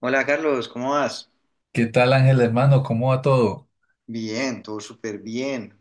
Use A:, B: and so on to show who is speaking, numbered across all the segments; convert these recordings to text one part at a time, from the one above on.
A: Hola Carlos, ¿cómo vas?
B: ¿Qué tal, Ángel, hermano? ¿Cómo va todo?
A: Bien, todo súper bien.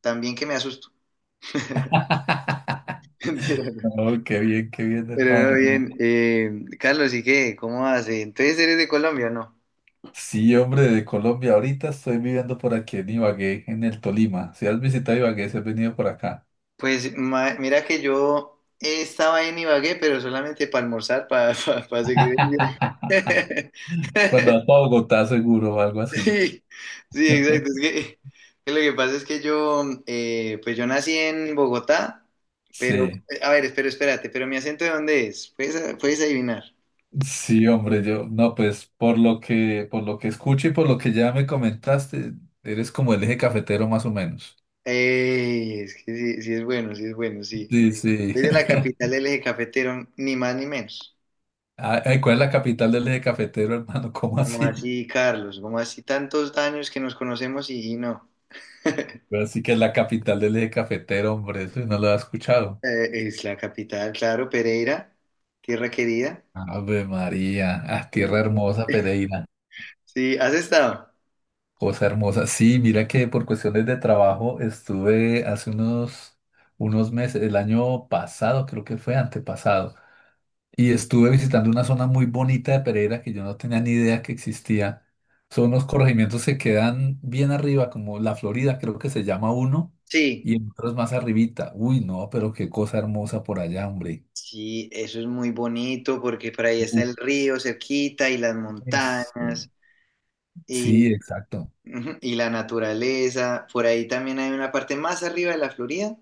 A: También que me asusto. Mentira, no.
B: No, qué bien,
A: Pero no,
B: hermano.
A: bien. Carlos, ¿y qué? ¿Cómo vas? Entonces, ¿eres de Colombia o no?
B: Sí, hombre, de Colombia. Ahorita estoy viviendo por aquí en Ibagué, en el Tolima. Si has visitado Ibagué, si has venido por acá.
A: Pues mira que yo estaba en Ibagué, pero solamente para almorzar, para seguir el viaje.
B: Cuando vas a Bogotá, seguro, o algo así.
A: Sí, sí, exacto. Es que lo que pasa es que yo, pues yo nací en Bogotá, pero,
B: Sí,
A: a ver, espérate, pero mi acento, ¿de dónde es? Puedes adivinar.
B: sí, hombre, yo, no, pues por lo que escucho y por lo que ya me comentaste, eres como el eje cafetero más o menos.
A: Ey, es que sí, sí es bueno, sí es bueno, sí.
B: Sí, sí.
A: Desde la capital del eje cafetero, ni más ni menos.
B: Ay, ay, ¿cuál es la capital del eje cafetero, hermano? ¿Cómo
A: Como
B: así?
A: así, Carlos? Como así tantos años que nos conocemos y no?
B: Así que es la capital del eje cafetero, hombre, eso no lo has escuchado.
A: Es la capital, claro, Pereira, tierra querida.
B: Ave María, ah, tierra
A: Sí,
B: hermosa, Pereira,
A: sí, ¿has estado?
B: cosa hermosa. Sí, mira que por cuestiones de trabajo estuve unos meses, el año pasado, creo que fue antepasado, y estuve visitando una zona muy bonita de Pereira que yo no tenía ni idea que existía. Son unos corregimientos que quedan bien arriba, como La Florida, creo que se llama uno,
A: Sí.
B: y otros más arribita. Uy, no, pero qué cosa hermosa por allá, hombre.
A: Sí, eso es muy bonito porque por ahí está el río cerquita y las
B: Es-
A: montañas.
B: Sí, exacto.
A: Ujú, y la naturaleza, por ahí también hay una parte más arriba de La Florida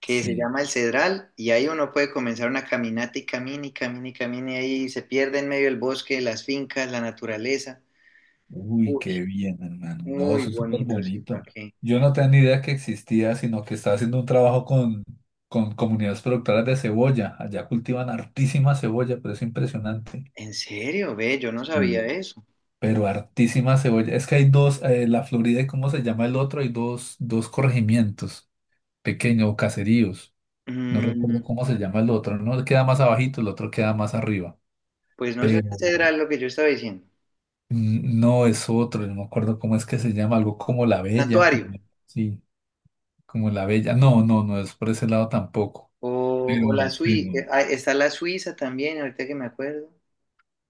A: que se
B: Sí.
A: llama el Cedral, y ahí uno puede comenzar una caminata y camina y camina y camina, y ahí se pierde en medio del bosque, las fincas, la naturaleza.
B: Uy,
A: Uy,
B: qué bien, hermano. No,
A: muy
B: eso es súper
A: bonito, sí, ¿para
B: bonito.
A: qué?
B: Yo no tenía ni idea que existía, sino que estaba haciendo un trabajo con comunidades productoras de cebolla. Allá cultivan hartísima cebolla, pero es impresionante.
A: ¿En serio? Ve, yo no
B: Sí.
A: sabía eso.
B: Pero hartísima cebolla. Es que hay dos, la Florida y cómo se llama el otro, hay dos corregimientos pequeños o caseríos. No recuerdo
A: Mm,
B: cómo se llama el otro. Uno queda más abajito, el otro queda más arriba.
A: pues no sé,
B: Pero
A: el Cedral, lo que yo estaba diciendo.
B: No es otro, no me acuerdo cómo es que se llama, algo como
A: Santuario,
B: sí, como La Bella. No, no, no es por ese lado tampoco.
A: o,
B: Pero,
A: o La Suiza,
B: pero,
A: está La Suiza también, ahorita que me acuerdo.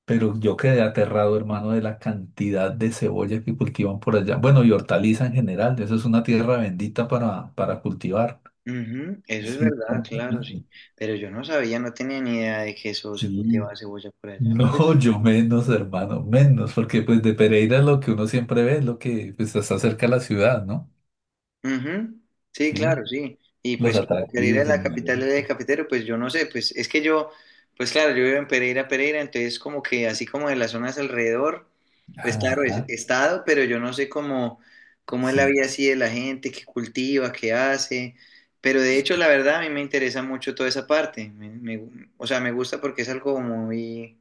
B: pero yo quedé aterrado, hermano, de la cantidad de cebolla que cultivan por allá. Bueno, y hortaliza en general, eso es una tierra bendita para cultivar.
A: Ujú. Eso es
B: Sí,
A: verdad, claro, sí. Pero yo no sabía, no tenía ni idea de que eso se
B: sí.
A: cultivaba cebolla por allá. Pues.
B: No, yo menos, hermano, menos, porque pues de Pereira lo que uno siempre ve es lo que pues, está cerca de la ciudad, ¿no?
A: Ujú. Sí,
B: Sí,
A: claro, sí. Y
B: los
A: pues como Pereira
B: atractivos,
A: es la
B: el mar.
A: capital del eje cafetero, pues yo no sé, pues es que yo, pues claro, yo vivo en Pereira, Pereira, entonces como que así como de las zonas alrededor, pues claro,
B: Ajá.
A: he estado, pero yo no sé cómo, cómo es la
B: Sí,
A: vida así de la gente, qué cultiva, qué hace. Pero de hecho, la verdad, a mí me interesa mucho toda esa parte. O sea, me gusta porque es algo muy,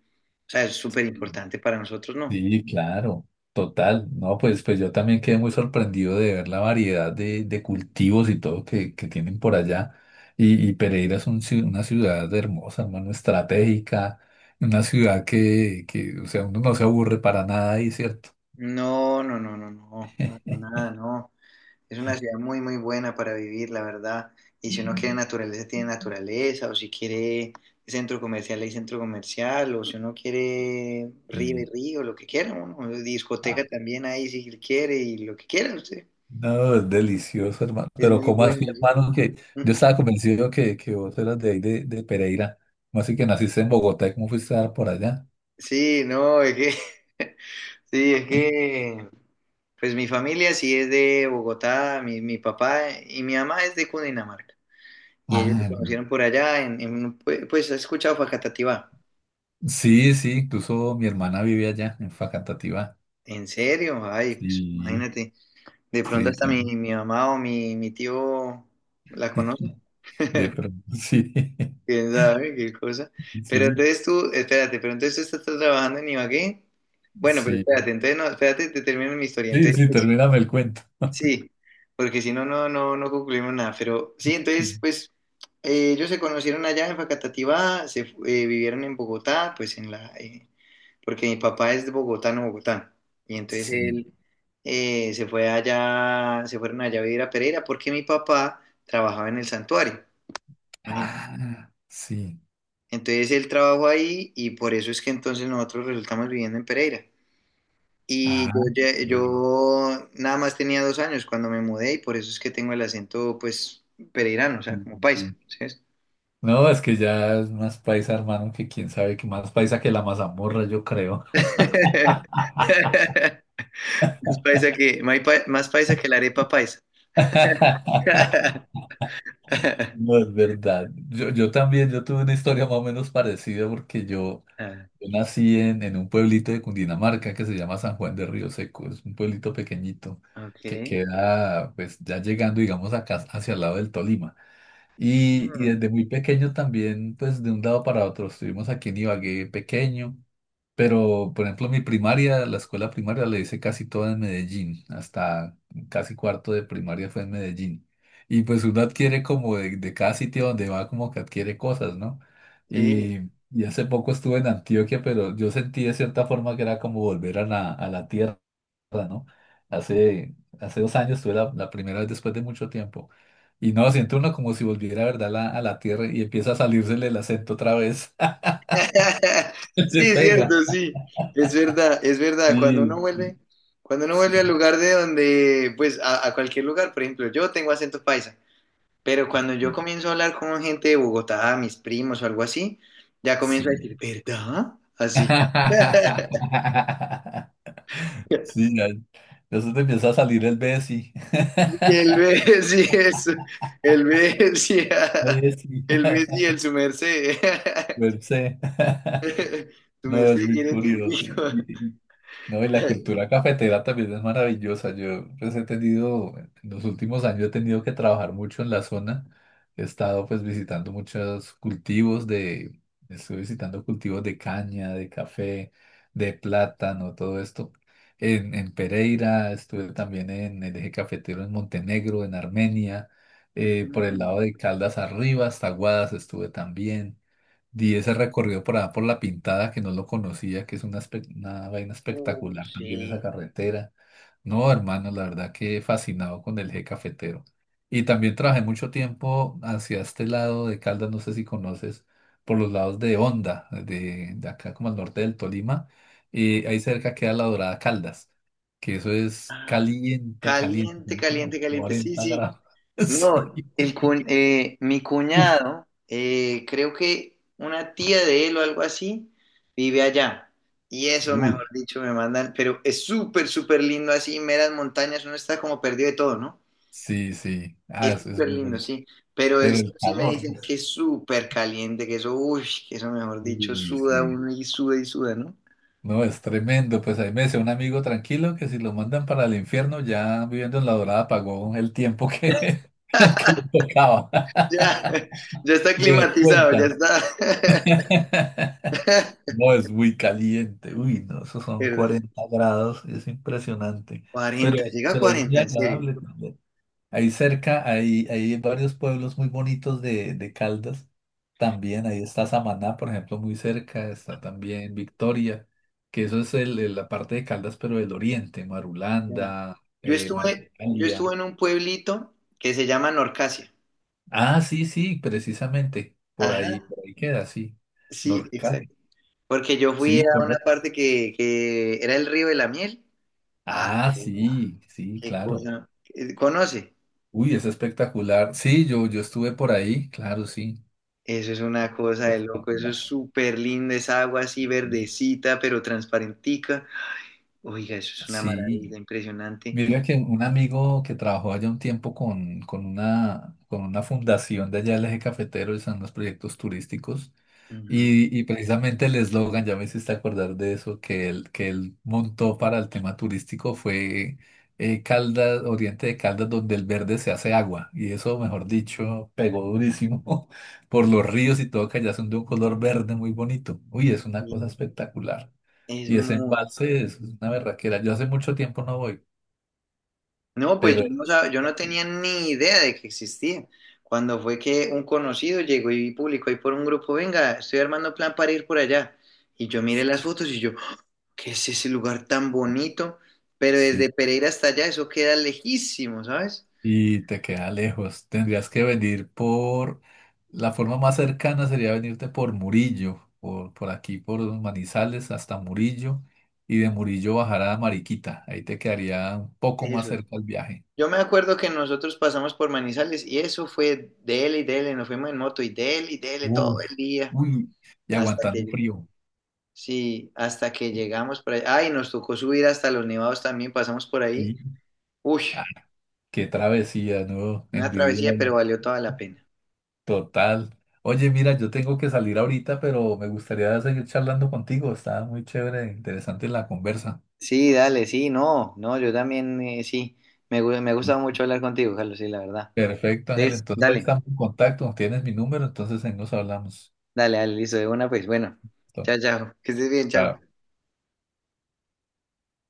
A: o sea, es súper
B: sí,
A: importante para nosotros, ¿no?
B: sí, claro, total. No, pues, pues yo también quedé muy sorprendido de ver la variedad de cultivos y todo que tienen por allá. Y Pereira es un una ciudad hermosa, hermano, estratégica, una ciudad o sea, uno no se aburre para nada ahí, ¿cierto?
A: No, no, no, no, no, para nada, no. Es una ciudad muy, muy buena para vivir, la verdad. Y si uno quiere
B: Mm.
A: naturaleza, tiene naturaleza, o si quiere centro comercial, hay centro comercial, o si uno quiere río, hay
B: Sí.
A: río, lo que quiera, uno. O
B: Ah,
A: discoteca también ahí, si quiere, y lo que quiera usted.
B: no, es delicioso, hermano.
A: Es
B: Pero
A: muy
B: ¿cómo así,
A: bueno, sí.
B: hermano? Que
A: Mm.
B: yo estaba convencido que vos eras de ahí, de Pereira. ¿Cómo así que naciste en Bogotá y cómo fuiste a dar por allá?
A: Sí, no, es que, sí, es que, pues mi familia sí es de Bogotá, mi papá y mi mamá es de Cundinamarca. Y ellos se
B: Ah,
A: conocieron por allá, en un pues, ¿has escuchado Facatativá?
B: sí, sí, incluso mi hermana vive allá, en Facatativá.
A: ¿En serio? Ay, pues
B: Sí,
A: imagínate. De pronto
B: sí,
A: hasta mi mamá o mi tío la conoce.
B: de pronto, sí,
A: ¿Quién sabe qué cosa? Pero
B: sí,
A: entonces tú, espérate, pero entonces tú estás trabajando en Ibagué. Bueno, pero
B: sí,
A: espérate, entonces no, espérate, te termino mi historia.
B: sí,
A: Entonces,
B: sí, termíname el cuento.
A: sí, porque si no, no, no, no concluimos nada. Pero sí,
B: Sí,
A: entonces, pues ellos se conocieron allá en Facatativá, vivieron en Bogotá, pues porque mi papá es de bogotano, Bogotá. Y entonces
B: sí.
A: él se fueron allá a vivir a Pereira porque mi papá trabajaba en el Santuario. Imagínate.
B: Ah, sí,
A: Entonces él trabajó ahí y por eso es que entonces nosotros resultamos viviendo en Pereira. Y
B: ah,
A: yo, lle-
B: lo-
A: yo nada más tenía 2 años cuando me mudé, y por eso es que tengo el acento, pues, pereirano, o sea,
B: sí.
A: como paisa,
B: Sí.
A: ¿sabes?
B: No, es que ya es más paisa, hermano, que quién sabe que más paisa que la mazamorra, yo creo.
A: Más paisa que la arepa paisa.
B: No, es verdad. Yo tuve una historia más o menos parecida
A: Ah,
B: yo nací en un pueblito de Cundinamarca que se llama San Juan de Río Seco. Es un pueblito pequeñito que
A: ok.
B: queda, pues, ya llegando, digamos, acá hacia el lado del Tolima. Y
A: Mm,
B: desde muy pequeño también, pues de un lado para otro, estuvimos aquí en Ibagué pequeño, pero por ejemplo mi primaria, la escuela primaria la hice casi toda en Medellín, hasta casi cuarto de primaria fue en Medellín. Y pues uno adquiere como de cada sitio donde va como que adquiere cosas, ¿no?
A: sí.
B: Y, y hace poco estuve en Antioquia, pero yo sentí de cierta forma que era como volver a la tierra, ¿no? Hace dos años estuve la primera vez después de mucho tiempo. Y no, siente uno como si volviera, ¿verdad? A la tierra y empieza a salírsele el acento otra vez.
A: Sí,
B: Le
A: es
B: pega.
A: cierto, sí. Es verdad, es verdad.
B: Sí, sí,
A: Cuando uno vuelve al
B: sí,
A: lugar de donde, pues, a cualquier lugar, por ejemplo, yo tengo acento paisa. Pero cuando yo comienzo a hablar con gente de Bogotá, mis primos o algo así, ya
B: sí,
A: comienzo a decir,
B: sí.
A: ¿verdad? Así.
B: Sí, ya. Entonces te empieza a salir el Bessie.
A: Y el B, sí, eso. El B, sí.
B: Bessie.
A: El B, sí, el su merced.
B: Per se.
A: Su
B: No, es
A: merced
B: muy
A: quiere
B: curioso.
A: tintico.
B: No, y la cultura cafetera también es maravillosa. Yo pues he tenido, en los últimos años he tenido que trabajar mucho en la zona. He estado pues visitando muchos estuve visitando cultivos de caña, de café, de plátano, todo esto. En Pereira, estuve también en el eje cafetero en Montenegro, en Armenia, por el
A: Mm.
B: lado de Caldas arriba, hasta Guadas estuve también. Di ese recorrido por allá por La Pintada, que no lo conocía, que es una, una vaina
A: Oh,
B: espectacular también esa
A: sí.
B: carretera. No, hermano, la verdad que fascinado con el eje cafetero. Y también trabajé mucho tiempo hacia este lado de Caldas, no sé si conoces, por los lados de Honda, de acá como al norte del Tolima.
A: Mm.
B: Y ahí cerca queda la Dorada Caldas, que eso es
A: Ah,
B: caliente, caliente,
A: caliente,
B: tiene
A: caliente,
B: como
A: caliente. Sí,
B: 40
A: sí.
B: grados. Sí.
A: No, el mi
B: Uf,
A: cuñado, creo que una tía de él o algo así, vive allá. Y eso, mejor
B: uy.
A: dicho, me mandan, pero es súper, súper lindo así, meras montañas, uno está como perdido de todo, ¿no?
B: Sí, sí. Ah,
A: Es
B: eso es
A: súper
B: muy
A: lindo,
B: bonito.
A: sí. Pero
B: Pero
A: eso
B: el
A: sí me
B: calor, ¿no?
A: dicen que es súper caliente, que eso, uy, que eso, mejor dicho,
B: Uy,
A: suda
B: sí.
A: uno y suda, ¿no?
B: No, es tremendo. Pues ahí me decía un amigo tranquilo que si lo mandan para el infierno, ya viviendo en La Dorada pagó el tiempo que, que le tocaba.
A: Ya, ya está
B: Le
A: climatizado, ya
B: descuentan.
A: está.
B: No, es muy caliente. Uy, no, esos son
A: Perdón.
B: 40 grados. Es impresionante. Pero,
A: 40, llega a
B: pero es muy
A: 40, en serio.
B: agradable. Ahí cerca hay varios pueblos muy bonitos de Caldas. También ahí está Samaná, por ejemplo, muy cerca. Está también Victoria, que eso es la parte de Caldas, pero del oriente,
A: Ya.
B: Marulanda,
A: Yo estuve, yo estuve
B: Marcalia.
A: en un pueblito que se llama Norcasia.
B: Ah, sí, sí, precisamente.
A: Ajá,
B: Por ahí queda, sí.
A: sí,
B: Norcal.
A: exacto. Porque yo fui
B: Sí,
A: a una
B: correcto.
A: parte que era el río de la Miel. Ah,
B: Ah,
A: no,
B: sí, sí,
A: qué
B: claro.
A: cosa. ¿Conoce?
B: Uy, es espectacular. Sí, yo estuve por ahí, claro, sí.
A: Eso es una cosa de loco, eso es
B: Espectacular.
A: súper lindo, esa agua así verdecita, pero transparentica. Oiga, eso es una
B: Sí.
A: maravilla impresionante.
B: Mira que un amigo que trabajó allá un tiempo con una fundación de allá del eje cafetero, y son los proyectos turísticos,
A: Ujú.
B: y precisamente el eslogan, ya me hiciste acordar de eso, que él montó para el tema turístico fue Caldas, Oriente de Caldas, donde el verde se hace agua, y eso, mejor dicho, pegó durísimo por los ríos y todo, que allá son de un color verde muy bonito. Uy, es una cosa
A: Y
B: espectacular.
A: es
B: Y ese
A: muy,
B: embalse es una berraquera. Yo hace mucho tiempo no voy
A: No, pues
B: pero
A: yo no, sab- yo no tenía ni idea de que existía. Cuando fue que un conocido llegó y publicó ahí por un grupo, venga, estoy armando plan para ir por allá. Y yo miré las fotos y yo, ¡ah!, ¿qué es ese lugar tan bonito? Pero
B: sí,
A: desde Pereira hasta allá eso queda lejísimo, ¿sabes?
B: y te queda lejos. Tendrías que venir por, la forma más cercana sería venirte por Murillo, por aquí, por Manizales hasta Murillo, y de Murillo bajar a Mariquita. Ahí te quedaría un poco más
A: Eso.
B: cerca el viaje.
A: Yo me acuerdo que nosotros pasamos por Manizales y eso fue dele y dele, nos fuimos en moto y dele todo
B: Uf,
A: el día
B: uy, y
A: hasta
B: aguantando
A: que
B: frío.
A: sí, hasta que llegamos por ahí. Ay, nos tocó subir hasta los nevados también, pasamos por ahí.
B: Sí,
A: Uy,
B: ah, qué travesía, ¿no?
A: una travesía,
B: Envidiable.
A: pero valió toda la pena.
B: Total. Oye, mira, yo tengo que salir ahorita, pero me gustaría seguir charlando contigo. Está muy chévere, interesante la conversa.
A: Sí, dale, sí, no, no, yo también sí. Me gusta
B: Sí.
A: mucho hablar contigo, Carlos, sí, la verdad.
B: Perfecto, Ángel.
A: Es,
B: Entonces
A: dale,
B: estamos en contacto. Tienes mi número, entonces ahí nos hablamos.
A: dale, dale, listo, de una, pues bueno.
B: Listo.
A: Chao, chao, que estés bien, chao.